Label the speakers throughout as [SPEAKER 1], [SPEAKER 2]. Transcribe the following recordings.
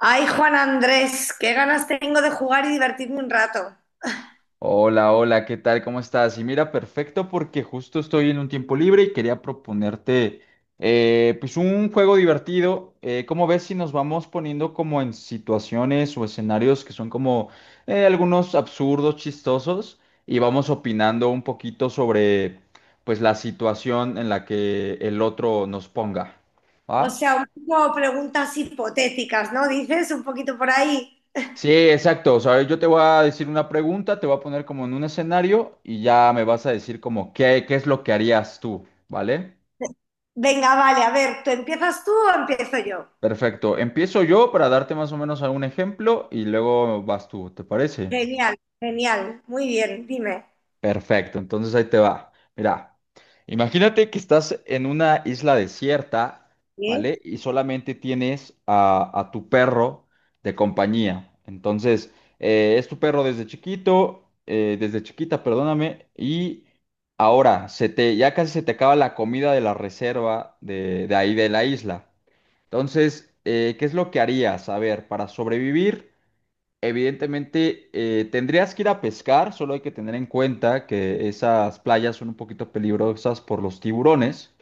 [SPEAKER 1] Ay, Juan Andrés, qué ganas tengo de jugar y divertirme un rato.
[SPEAKER 2] Hola, hola, ¿qué tal? ¿Cómo estás? Y mira, perfecto porque justo estoy en un tiempo libre y quería proponerte pues un juego divertido. ¿Cómo ves si nos vamos poniendo como en situaciones o escenarios que son como algunos absurdos, chistosos y vamos opinando un poquito sobre pues la situación en la que el otro nos ponga?
[SPEAKER 1] O
[SPEAKER 2] ¿Va?
[SPEAKER 1] sea, un poco preguntas hipotéticas, ¿no? Dices un poquito por ahí.
[SPEAKER 2] Sí, exacto. O sea, yo te voy a decir una pregunta, te voy a poner como en un escenario y ya me vas a decir como qué es lo que harías tú, ¿vale?
[SPEAKER 1] Venga, vale, a ver, ¿tú empiezas tú o empiezo yo?
[SPEAKER 2] Perfecto. Empiezo yo para darte más o menos algún ejemplo y luego vas tú, ¿te parece?
[SPEAKER 1] Genial, genial, muy bien, dime.
[SPEAKER 2] Perfecto, entonces ahí te va. Mira, imagínate que estás en una isla desierta,
[SPEAKER 1] ¿Sí?
[SPEAKER 2] ¿vale? Y solamente tienes a tu perro de compañía. Entonces, es tu perro desde chiquito, desde chiquita, perdóname, y ahora ya casi se te acaba la comida de la reserva de ahí de la isla. Entonces, ¿qué es lo que harías? A ver, para sobrevivir. Evidentemente, tendrías que ir a pescar, solo hay que tener en cuenta que esas playas son un poquito peligrosas por los tiburones,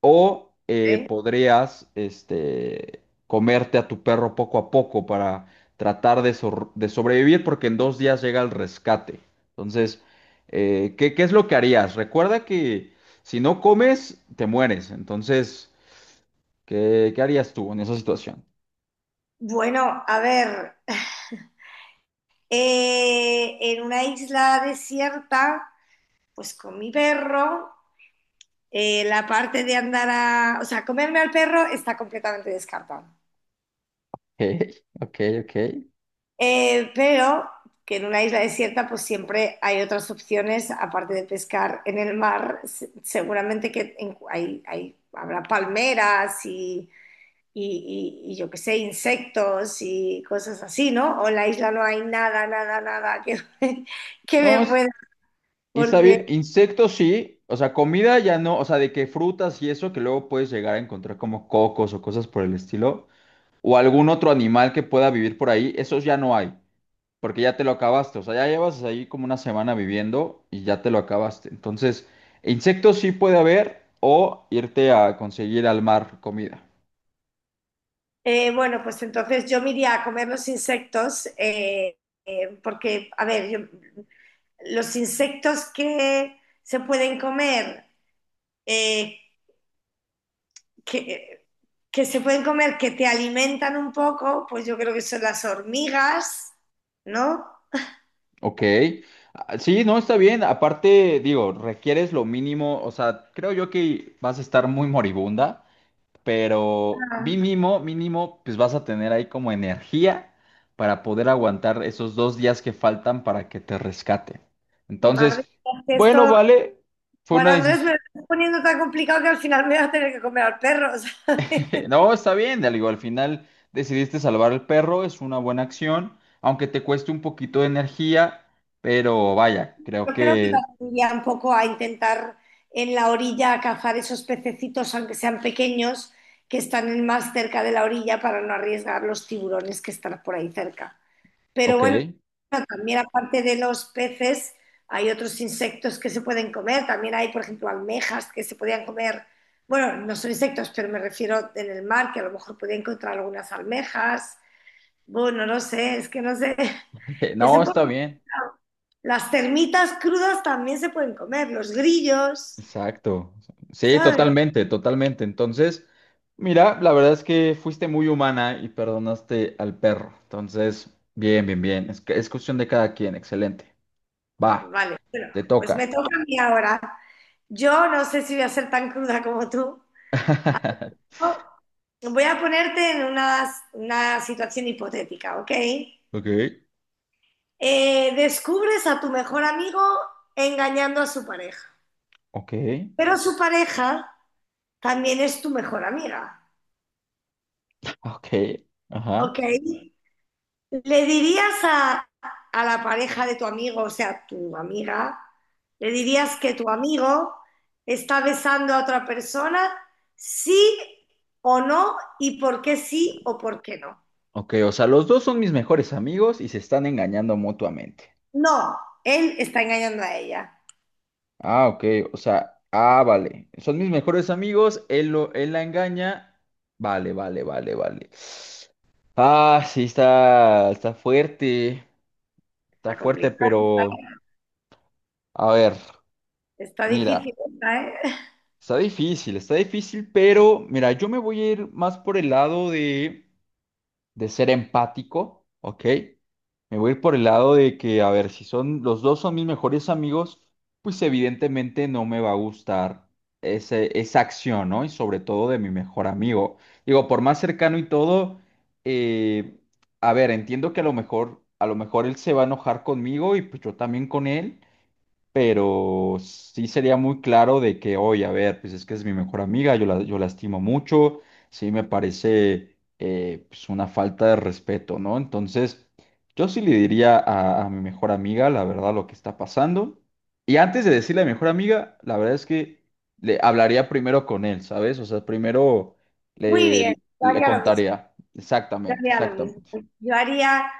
[SPEAKER 2] o
[SPEAKER 1] ¿Sí?
[SPEAKER 2] podrías este, comerte a tu perro poco a poco para tratar de sobrevivir porque en dos días llega el rescate. Entonces, qué es lo que harías? Recuerda que si no comes, te mueres. Entonces, qué harías tú en esa situación?
[SPEAKER 1] Bueno, a ver, en una isla desierta, pues con mi perro, la parte de andar a... O sea, comerme al perro está completamente descartada.
[SPEAKER 2] Ok, ok, ok.
[SPEAKER 1] Pero que en una isla desierta pues siempre hay otras opciones, aparte de pescar en el mar, seguramente que hay, habrá palmeras y, y yo qué sé, insectos y cosas así, ¿no? O en la isla no hay nada, nada, nada que, que
[SPEAKER 2] No,
[SPEAKER 1] me pueda,
[SPEAKER 2] y está
[SPEAKER 1] porque,
[SPEAKER 2] bien, insectos sí, o sea, comida ya no, o sea, de que frutas y eso que luego puedes llegar a encontrar como cocos o cosas por el estilo, o algún otro animal que pueda vivir por ahí, esos ya no hay, porque ya te lo acabaste, o sea, ya llevas ahí como una semana viviendo y ya te lo acabaste. Entonces, insectos sí puede haber, o irte a conseguir al mar comida,
[SPEAKER 1] bueno, pues entonces yo me iría a comer los insectos, porque, a ver, los insectos que se pueden comer, eh, que, que se pueden comer, que te alimentan un poco, pues yo creo que son las hormigas, ¿no?
[SPEAKER 2] ¿ok? Ah, sí, no, está bien, aparte, digo, requieres lo mínimo, o sea, creo yo que vas a estar muy moribunda. Pero
[SPEAKER 1] Ah,
[SPEAKER 2] mínimo, mínimo, pues vas a tener ahí como energía para poder aguantar esos dos días que faltan para que te rescate.
[SPEAKER 1] madre
[SPEAKER 2] Entonces,
[SPEAKER 1] mía, es que
[SPEAKER 2] bueno,
[SPEAKER 1] esto,
[SPEAKER 2] vale, fue
[SPEAKER 1] Juan
[SPEAKER 2] una
[SPEAKER 1] Andrés, me
[SPEAKER 2] decisión.
[SPEAKER 1] lo estás poniendo tan complicado que al final me voy a tener que comer al perro, ¿sabes?
[SPEAKER 2] No, está bien, digo, al final decidiste salvar al perro, es una buena acción, aunque te cueste un poquito de energía, pero vaya, creo
[SPEAKER 1] Yo creo que
[SPEAKER 2] que,
[SPEAKER 1] también iría un poco a intentar en la orilla cazar esos pececitos, aunque sean pequeños, que están más cerca de la orilla para no arriesgar los tiburones que están por ahí cerca. Pero
[SPEAKER 2] ok,
[SPEAKER 1] bueno, también aparte de los peces, hay otros insectos que se pueden comer. También hay, por ejemplo, almejas que se podían comer. Bueno, no son insectos, pero me refiero en el mar, que a lo mejor podía encontrar algunas almejas. Bueno, no sé, es que no sé. Es
[SPEAKER 2] no,
[SPEAKER 1] un poco
[SPEAKER 2] está bien.
[SPEAKER 1] complicado. Las termitas crudas también se pueden comer, los grillos,
[SPEAKER 2] Exacto. Sí,
[SPEAKER 1] ¿sabes?
[SPEAKER 2] totalmente, totalmente. Entonces, mira, la verdad es que fuiste muy humana y perdonaste al perro. Entonces, bien, bien, bien. Es, que- es cuestión de cada quien. Excelente. Va,
[SPEAKER 1] Vale, bueno,
[SPEAKER 2] te
[SPEAKER 1] pues me
[SPEAKER 2] toca.
[SPEAKER 1] toca a mí ahora. Yo no sé si voy a ser tan cruda como tú. Voy a ponerte en una situación hipotética, ¿ok?
[SPEAKER 2] Ok,
[SPEAKER 1] Descubres a tu mejor amigo engañando a su pareja,
[SPEAKER 2] ok,
[SPEAKER 1] pero su pareja también es tu mejor amiga,
[SPEAKER 2] ok, ajá.
[SPEAKER 1] ¿ok? ¿Le dirías a la pareja de tu amigo, o sea, tu amiga, le dirías que tu amigo está besando a otra persona, sí o no, y por qué sí o por qué no?
[SPEAKER 2] Ok, o sea, los dos son mis mejores amigos y se están engañando mutuamente.
[SPEAKER 1] No, él está engañando a ella.
[SPEAKER 2] Ah, ok, o sea, ah, vale. Son mis mejores amigos, él la engaña. Vale, vale, vale, vale. Ah, sí, está
[SPEAKER 1] Está
[SPEAKER 2] fuerte,
[SPEAKER 1] complicado, está,
[SPEAKER 2] pero a ver,
[SPEAKER 1] está difícil
[SPEAKER 2] mira,
[SPEAKER 1] esta, ¿eh?
[SPEAKER 2] está difícil, pero mira, yo me voy a ir más por el lado de ser empático, ¿ok? Me voy a ir por el lado de que, a ver, si son los dos son mis mejores amigos, pues evidentemente no me va a gustar esa acción, ¿no? Y sobre todo de mi mejor amigo. Digo, por más cercano y todo, eh, a ver, entiendo que a lo mejor él se va a enojar conmigo y pues yo también con él, pero sí sería muy claro de que, oye, a ver, pues es que es mi mejor amiga, yo la estimo mucho, sí me parece pues una falta de respeto, ¿no? Entonces, yo sí le diría a mi mejor amiga, la verdad, lo que está pasando. Y antes de decirle a mi mejor amiga, la verdad es que le hablaría primero con él, ¿sabes? O sea,
[SPEAKER 1] Muy
[SPEAKER 2] le,
[SPEAKER 1] bien, yo
[SPEAKER 2] le
[SPEAKER 1] haría lo mismo,
[SPEAKER 2] contaría.
[SPEAKER 1] yo
[SPEAKER 2] Exactamente,
[SPEAKER 1] haría lo mismo.
[SPEAKER 2] exactamente.
[SPEAKER 1] Yo haría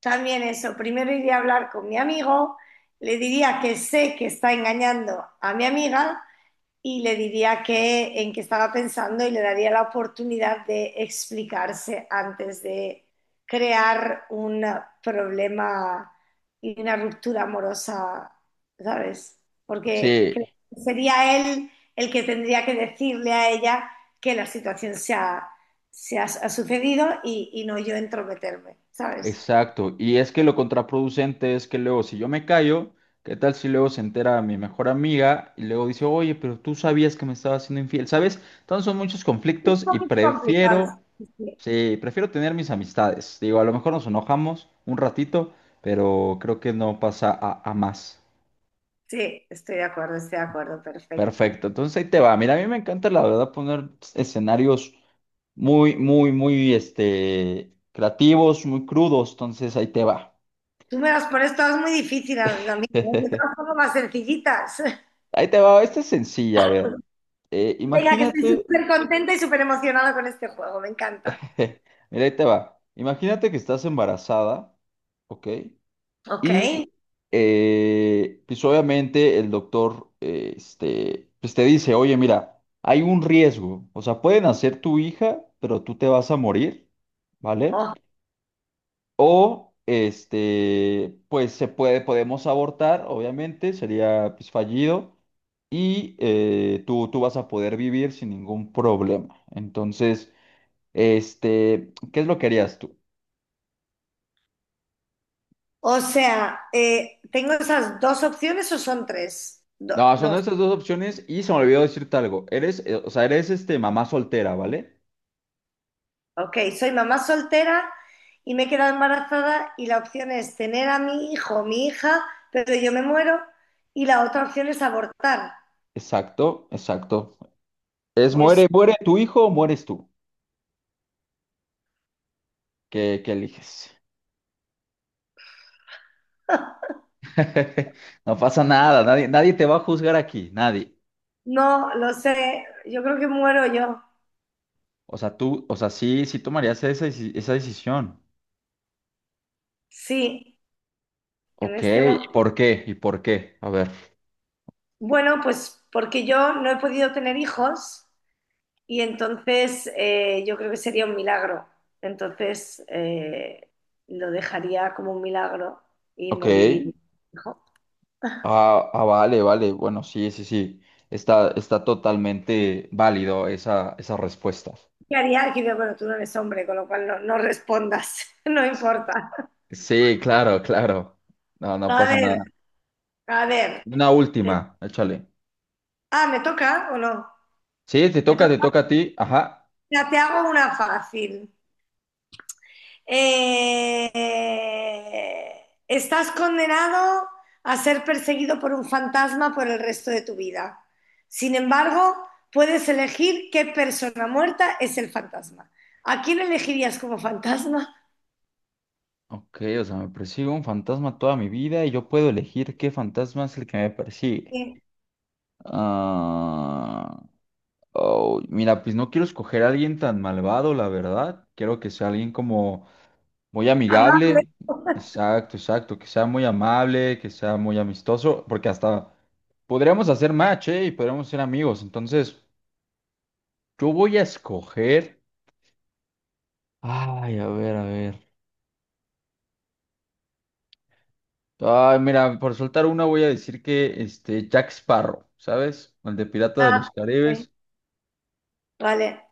[SPEAKER 1] también eso. Primero iría a hablar con mi amigo, le diría que sé que está engañando a mi amiga y le diría que, en qué estaba pensando y le daría la oportunidad de explicarse antes de crear un problema y una ruptura amorosa, ¿sabes? Porque
[SPEAKER 2] Sí.
[SPEAKER 1] creo que sería él el que tendría que decirle a ella que la situación se ha, ha sucedido y no yo entrometerme, ¿sabes?
[SPEAKER 2] Exacto, y es que lo contraproducente es que luego si yo me callo, ¿qué tal si luego se entera mi mejor amiga y luego dice, oye, pero tú sabías que me estaba haciendo infiel, ¿sabes? Entonces son muchos
[SPEAKER 1] Es un
[SPEAKER 2] conflictos y
[SPEAKER 1] poquito complicado.
[SPEAKER 2] prefiero,
[SPEAKER 1] Sí,
[SPEAKER 2] sí, prefiero tener mis amistades. Digo, a lo mejor nos enojamos un ratito, pero creo que no pasa a más.
[SPEAKER 1] sí, estoy de acuerdo, perfecto.
[SPEAKER 2] Perfecto, entonces ahí te va. Mira, a mí me encanta la verdad poner escenarios muy, muy, muy, este, creativos, muy crudos, entonces ahí te va.
[SPEAKER 1] Tú me las pones todas muy difíciles, amigo. Yo te las pongo más sencillitas.
[SPEAKER 2] Ahí te va, esta es sencilla, a ver. Eh,
[SPEAKER 1] Venga, que estoy
[SPEAKER 2] imagínate,
[SPEAKER 1] súper contenta y súper emocionada con este juego. Me encanta.
[SPEAKER 2] mira, ahí te va. Imagínate que estás embarazada, ¿ok?
[SPEAKER 1] Ok.
[SPEAKER 2] Y pues obviamente el doctor pues te dice, oye, mira, hay un riesgo, o sea, pueden hacer tu hija, pero tú te vas a morir, ¿vale?
[SPEAKER 1] Oh.
[SPEAKER 2] O este, podemos abortar, obviamente, sería pues, fallido y tú vas a poder vivir sin ningún problema. Entonces, este, ¿qué es lo que harías tú?
[SPEAKER 1] O sea, ¿tengo esas dos opciones o son tres?
[SPEAKER 2] No, son
[SPEAKER 1] Dos.
[SPEAKER 2] esas dos opciones y se me olvidó decirte algo. Eres, o sea, eres este mamá soltera, ¿vale?
[SPEAKER 1] Ok, soy mamá soltera y me he quedado embarazada y la opción es tener a mi hijo o mi hija, pero yo me muero y la otra opción es abortar.
[SPEAKER 2] Exacto, exacto. Es
[SPEAKER 1] Pues
[SPEAKER 2] muere tu hijo o mueres tú. Qué eliges? No pasa nada, nadie te va a juzgar aquí, nadie.
[SPEAKER 1] no, lo sé, yo creo que muero yo.
[SPEAKER 2] O sea, tú, o sea, sí, sí tomarías esa decisión.
[SPEAKER 1] Sí, en
[SPEAKER 2] Ok,
[SPEAKER 1] este
[SPEAKER 2] ¿y
[SPEAKER 1] momento.
[SPEAKER 2] por qué? ¿Y por qué? A ver.
[SPEAKER 1] Bueno, pues porque yo no he podido tener hijos y entonces yo creo que sería un milagro. Entonces lo dejaría como un milagro y
[SPEAKER 2] Ok.
[SPEAKER 1] moriría. Hijo.
[SPEAKER 2] Ah, ah, vale, vale. Bueno, sí, sí, sí. Está, está totalmente válido esa respuesta.
[SPEAKER 1] ¿Qué haría? Aquí veo, bueno, tú no eres hombre, con lo cual no, no respondas, no importa.
[SPEAKER 2] Sí, claro, claro. No, no
[SPEAKER 1] A
[SPEAKER 2] pasa
[SPEAKER 1] ver,
[SPEAKER 2] nada.
[SPEAKER 1] a ver.
[SPEAKER 2] Una última, échale.
[SPEAKER 1] Ah, ¿me toca o no?
[SPEAKER 2] Sí,
[SPEAKER 1] Me
[SPEAKER 2] te
[SPEAKER 1] toca.
[SPEAKER 2] toca a ti. Ajá.
[SPEAKER 1] Mira, te hago una fácil. eh, Estás condenado a ser perseguido por un fantasma por el resto de tu vida. Sin embargo, puedes elegir qué persona muerta es el fantasma. ¿A quién elegirías como fantasma?
[SPEAKER 2] Ok, o sea, me persigue un fantasma toda mi vida y yo puedo elegir qué fantasma es el que me persigue.
[SPEAKER 1] Sí.
[SPEAKER 2] Ah, oh, mira, pues no quiero escoger a alguien tan malvado, la verdad. Quiero que sea alguien como muy
[SPEAKER 1] Amable.
[SPEAKER 2] amigable. Exacto, exacto. Que sea muy amable, que sea muy amistoso, porque hasta podríamos hacer match, ¿eh? Y podríamos ser amigos. Entonces, yo voy a escoger. Ay, a ver, a ver. Ay, mira, por soltar una voy a decir que este Jack Sparrow, ¿sabes? El de Pirata de
[SPEAKER 1] Ah,
[SPEAKER 2] los
[SPEAKER 1] sí.
[SPEAKER 2] Caribes.
[SPEAKER 1] Vale,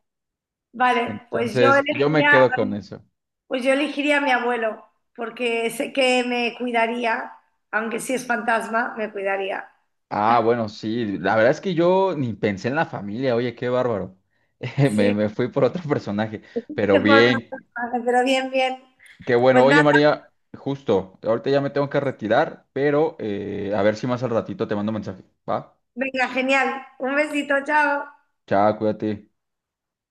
[SPEAKER 1] vale.
[SPEAKER 2] Entonces, yo me quedo con eso.
[SPEAKER 1] Pues yo elegiría a mi abuelo, porque sé que me cuidaría, aunque si es fantasma, me cuidaría.
[SPEAKER 2] Ah, bueno, sí, la verdad es que yo ni pensé en la familia, oye, qué bárbaro.
[SPEAKER 1] Sí.
[SPEAKER 2] Me fui por otro personaje,
[SPEAKER 1] Te
[SPEAKER 2] pero
[SPEAKER 1] puedo
[SPEAKER 2] bien,
[SPEAKER 1] contar, pero bien, bien.
[SPEAKER 2] qué bueno.
[SPEAKER 1] Pues
[SPEAKER 2] Oye,
[SPEAKER 1] nada,
[SPEAKER 2] María, justo, ahorita ya me tengo que retirar, pero a ver si más al ratito te mando mensaje, ¿va?
[SPEAKER 1] venga, genial. Un besito, chao.
[SPEAKER 2] Chao, cuídate.